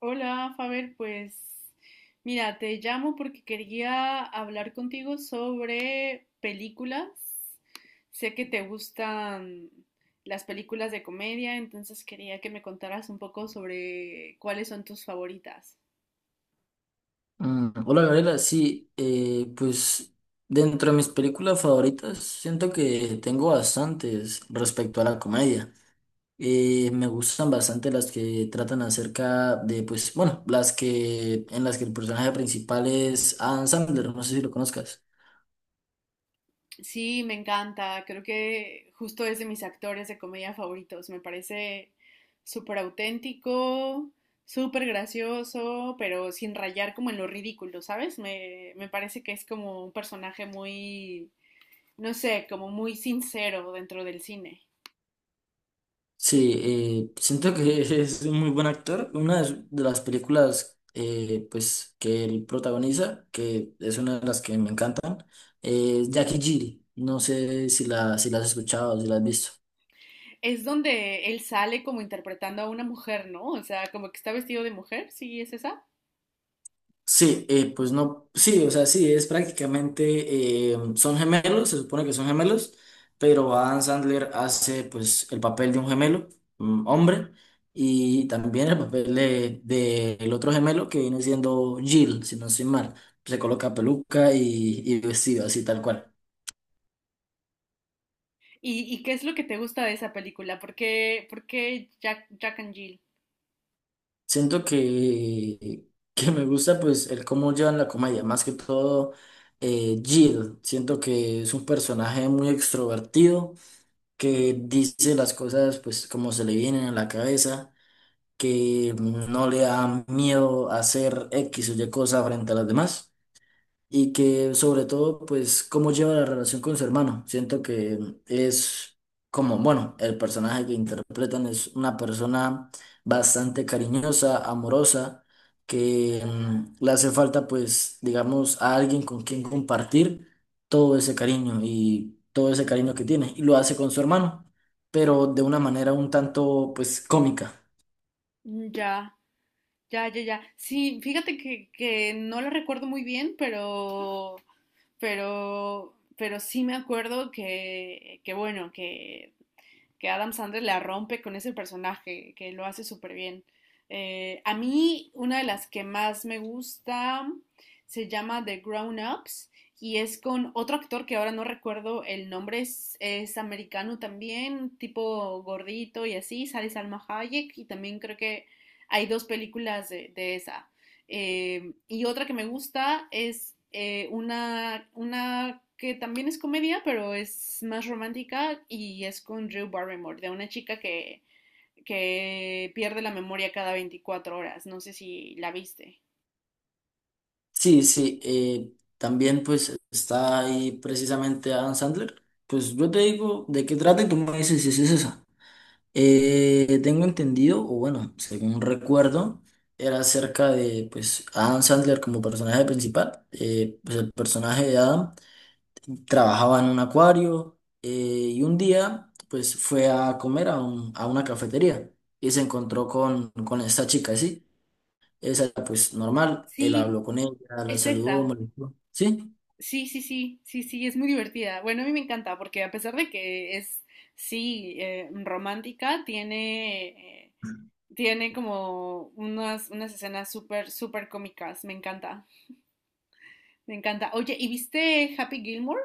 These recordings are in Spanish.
Hola, Faber, pues mira, te llamo porque quería hablar contigo sobre películas. Sé que te gustan las películas de comedia, entonces quería que me contaras un poco sobre cuáles son tus favoritas. Hola Gabriela, sí, pues dentro de mis películas favoritas siento que tengo bastantes respecto a la comedia. Me gustan bastante las que tratan acerca de, pues, bueno, las que en las que el personaje principal es Adam Sandler, no sé si lo conozcas. Sí, me encanta. Creo que justo es de mis actores de comedia favoritos. Me parece súper auténtico, súper gracioso, pero sin rayar como en lo ridículo, ¿sabes? Me parece que es como un personaje muy, no sé, como muy sincero dentro del cine. Sí, siento que es un muy buen actor. De las películas pues, que él protagoniza, que es una de las que me encantan, es Jackie Giri. No sé si si la has escuchado, si la has visto. Es donde él sale como interpretando a una mujer, ¿no? O sea, como que está vestido de mujer, ¿sí es esa? Sí, pues no, sí, o sea, sí, es prácticamente, son gemelos, se supone que son gemelos, pero Adam Sandler hace pues el papel de un gemelo, mm, hombre, y también el papel de el otro gemelo que viene siendo Jill, si no estoy mal, se coloca peluca y vestido así tal cual. ¿Y qué es lo que te gusta de esa película? Por qué Jack, Jack and Jill? Siento que me gusta pues el cómo llevan la comedia, más que todo Jill, siento que es un personaje muy extrovertido que dice las cosas pues como se le vienen a la cabeza, que no le da miedo hacer X o Y cosa frente a las demás y que sobre todo, pues, cómo lleva la relación con su hermano. Siento que es como, bueno, el personaje que interpretan es una persona bastante cariñosa, amorosa, que le hace falta, pues, digamos, a alguien con quien compartir todo ese cariño y todo ese cariño que tiene, y lo hace con su hermano, pero de una manera un tanto, pues, cómica. Ya. Ya, ya, ya. Sí, fíjate que no la recuerdo muy bien, pero, pero sí me acuerdo que bueno, que Adam Sandler la rompe con ese personaje, que lo hace súper bien. A mí, una de las que más me gusta se llama The Grown Ups y es con otro actor que ahora no recuerdo el nombre, es americano también, tipo gordito y así, sale Salma Hayek y también creo que hay dos películas de esa. Y otra que me gusta es una que también es comedia, pero es más romántica y es con Drew Barrymore, de una chica que pierde la memoria cada 24 horas. No sé si la viste. Sí, sí, también pues está ahí precisamente Adam Sandler. Pues yo te digo de qué trata y tú me dices si es esa. Tengo entendido, o bueno, según recuerdo, era acerca de pues Adam Sandler como personaje principal. Pues el personaje de Adam trabajaba en un acuario y un día pues fue a comer a una cafetería y se encontró con esta chica, ¿sí? Esa, pues normal, él Sí, habló con ella, la es saludó, esa. me la dijo, ¿sí? Sí, sí, sí, sí, sí, es muy divertida. Bueno, a mí me encanta porque a pesar de que es, sí, romántica, tiene, tiene como unas, unas escenas súper, súper cómicas. Me encanta. Me encanta. Oye, ¿y viste Happy Gilmore?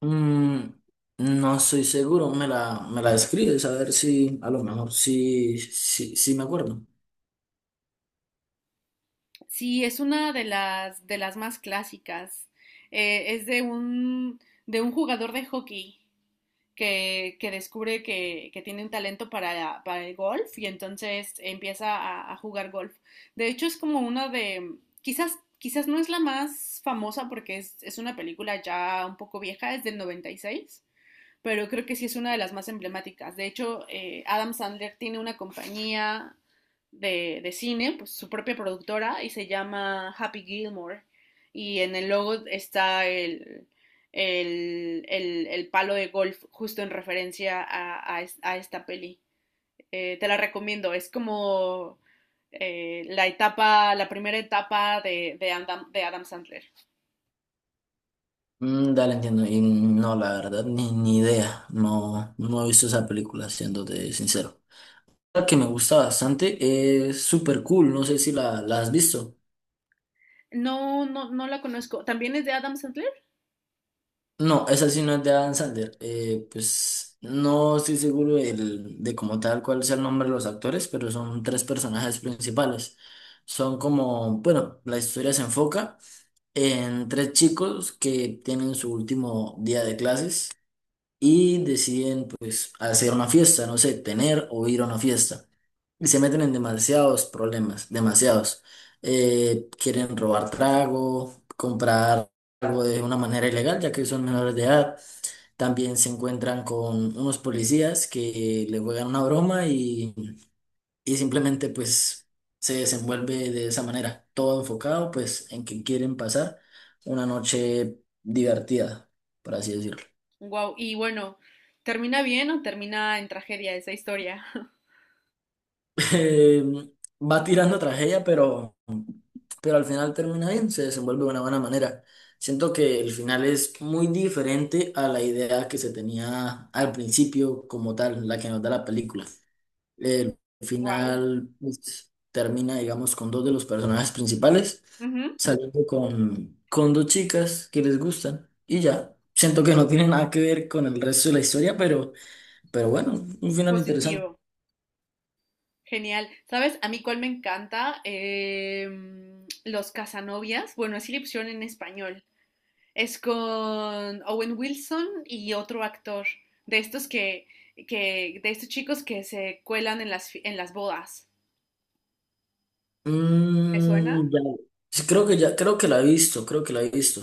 Mm, no soy seguro, me la describes, a ver si, a lo mejor, sí, sí, sí me acuerdo. Sí, es una de las más clásicas. Es de un jugador de hockey que descubre que tiene un talento para el golf y entonces empieza a jugar golf. De hecho, es como una de, quizás, quizás no es la más famosa porque es una película ya un poco vieja, es del 96. Pero creo que sí es una de las más emblemáticas. De hecho, Adam Sandler tiene una compañía de cine, pues su propia productora, y se llama Happy Gilmore. Y en el logo está el, el palo de golf, justo en referencia a esta peli. Te la recomiendo, es como la etapa, la primera etapa de Adam Sandler. Mm, dale, entiendo. Y no, la verdad, ni idea. No, no he visto esa película, siéndote sincero. La que me gusta bastante es Super Cool, no sé si la has visto. No, no, no la conozco. ¿También es de Adam Sandler? No, esa sí no es de Adam Sandler. Pues no estoy seguro de cómo tal cuál sea el nombre de los actores, pero son tres personajes principales. Son como, bueno, la historia se enfoca en tres chicos que tienen su último día de clases y deciden pues hacer una fiesta, no sé, tener o ir a una fiesta. Y se meten en demasiados problemas, demasiados. Quieren robar trago, comprar algo de una manera ilegal, ya que son menores de edad, también se encuentran con unos policías que le juegan una broma y simplemente pues se desenvuelve de esa manera, todo enfocado pues en que quieren pasar una noche divertida, por así decirlo. Wow, y bueno, ¿termina bien o termina en tragedia esa historia? Eh, Va tirando tragedia, pero al final termina bien, se desenvuelve de una buena manera. Siento que el final es muy diferente a la idea que se tenía al principio como tal, la que nos da la película. El Wow. final pues, termina, digamos, con dos de los personajes principales Ujú, saliendo con dos chicas que les gustan y ya. Siento que no tiene nada que ver con el resto de la historia, pero bueno, un final interesante. positivo. Genial. ¿Sabes? A mí cuál me encanta. Los Casanovias. Bueno, es le en español. Es con Owen Wilson y otro actor. De estos que, de estos chicos que se cuelan en las, fi- en las bodas. ¿Te suena? Mm, ya. Sí, creo que ya, creo que la he visto, creo que la he visto.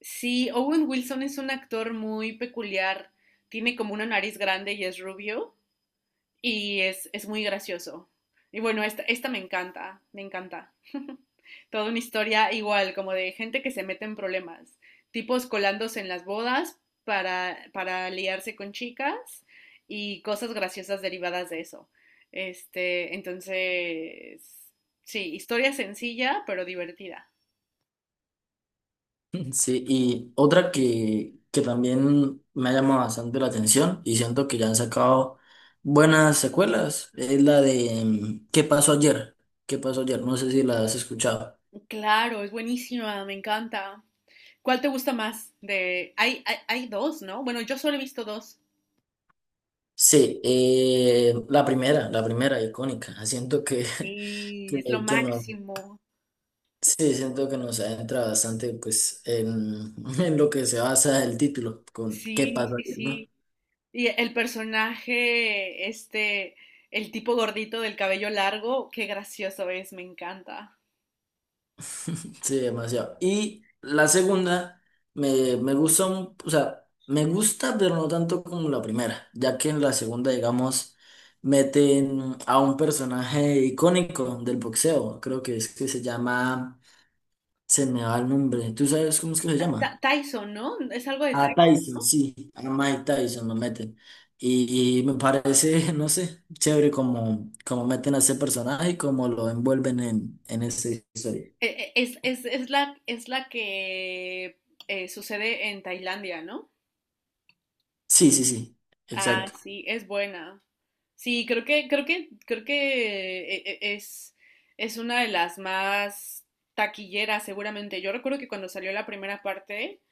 Sí, Owen Wilson es un actor muy peculiar. Tiene como una nariz grande y es rubio. Y es muy gracioso. Y bueno, esta me encanta, me encanta. Toda una historia igual, como de gente que se mete en problemas, tipos colándose en las bodas para liarse con chicas y cosas graciosas derivadas de eso. Este, entonces, sí, historia sencilla pero divertida. Sí, y otra que también me ha llamado bastante la atención y siento que ya han sacado buenas secuelas es la de mm, ¿qué pasó ayer? ¿Qué pasó ayer? No sé si la has escuchado. Claro, es buenísima, me encanta. ¿Cuál te gusta más? De, hay dos, ¿no? Bueno, yo solo he visto dos. Sí, la primera icónica. Siento que, que, Sí, es lo que nos, máximo. sí, siento que nos adentra bastante pues en, en lo que se basa el título con ¿qué Sí, pasó sí, ayer?, ¿no? sí. Y el personaje, este, el tipo gordito del cabello largo, qué gracioso es, me encanta. Sí, demasiado. Y la segunda me gusta, o sea, me gusta, pero no tanto como la primera, ya que en la segunda, digamos, meten a un personaje icónico del boxeo, creo que es que se llama, se me va el nombre, ¿tú sabes cómo es que se Ta- llama? Ta- Tyson, ¿no? Es algo de A Tyson, Tyson, ¿no? sí, a Mike Tyson lo meten. Y me parece, no sé, chévere como, como meten a ese personaje y como lo envuelven en esa historia. E- e- es la que sucede en Tailandia, ¿no? Sí, sí, sí, Ah, exacto. sí, es buena. Sí, creo que, creo que, creo que es una de las más taquilleras, seguramente. Yo recuerdo que cuando salió la primera parte,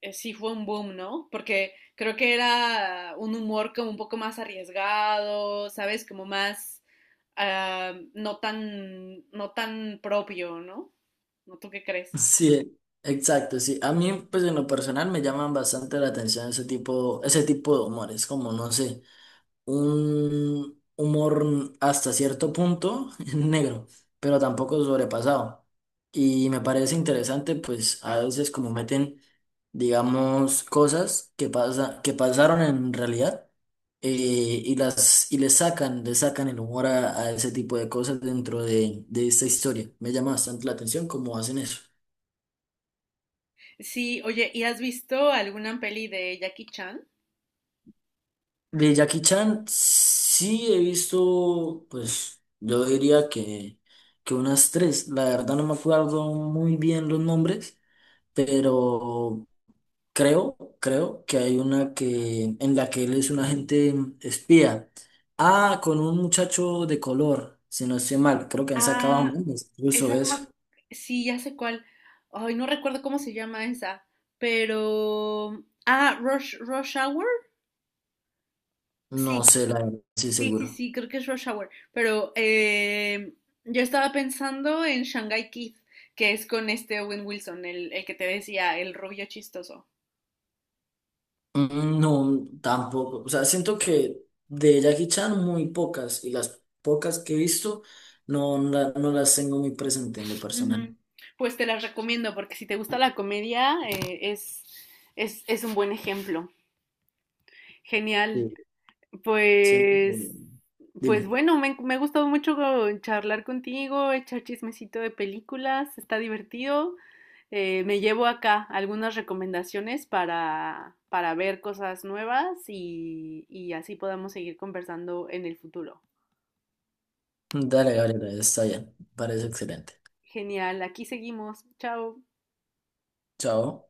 sí fue un boom, ¿no? Porque creo que era un humor como un poco más arriesgado, ¿sabes? Como más no tan, no tan propio, ¿no? ¿No tú qué crees? Sí, exacto, sí. A mí, pues en lo personal me llaman bastante la atención ese tipo de humores, como no sé, un humor hasta cierto punto negro, pero tampoco sobrepasado. Y me parece interesante, pues a veces como meten, digamos, cosas que que pasaron en realidad, eh, y las y le sacan el humor a ese tipo de cosas dentro de esta historia. Me llama bastante la atención cómo hacen eso. Sí, oye, ¿y has visto alguna peli de Jackie Chan? De Jackie Chan sí he visto, pues yo diría que unas tres. La verdad no me acuerdo muy bien los nombres, pero creo, creo que hay una que en la que él es un agente espía. Ah, con un muchacho de color, si no estoy mal. Creo que han sacado Ah, memes, incluso esa no. eso. Me ac- sí, ya sé cuál. Ay, no recuerdo cómo se llama esa, pero. Ah, Rush, Rush Hour. No Sí, sé, la verdad, sí sí, sí, seguro. sí, creo que es Rush Hour. Pero yo estaba pensando en Shanghai Kid, que es con este Owen Wilson, el que te decía, el rubio chistoso. Mm, no, tampoco. O sea, siento que de Jackie Chan muy pocas y las pocas que he visto no, no las tengo muy presente en lo personal. Ujú. Pues te las recomiendo porque si te gusta la comedia, es un buen ejemplo. Genial. Sí. Siento... Pues, pues Dime. bueno, me ha gustado mucho charlar contigo, echar chismecito de películas, está divertido. Me llevo acá algunas recomendaciones para ver cosas nuevas y así podamos seguir conversando en el futuro. Dale, Gabriela, está bien. Parece excelente. Genial, aquí seguimos. Chao. Chao.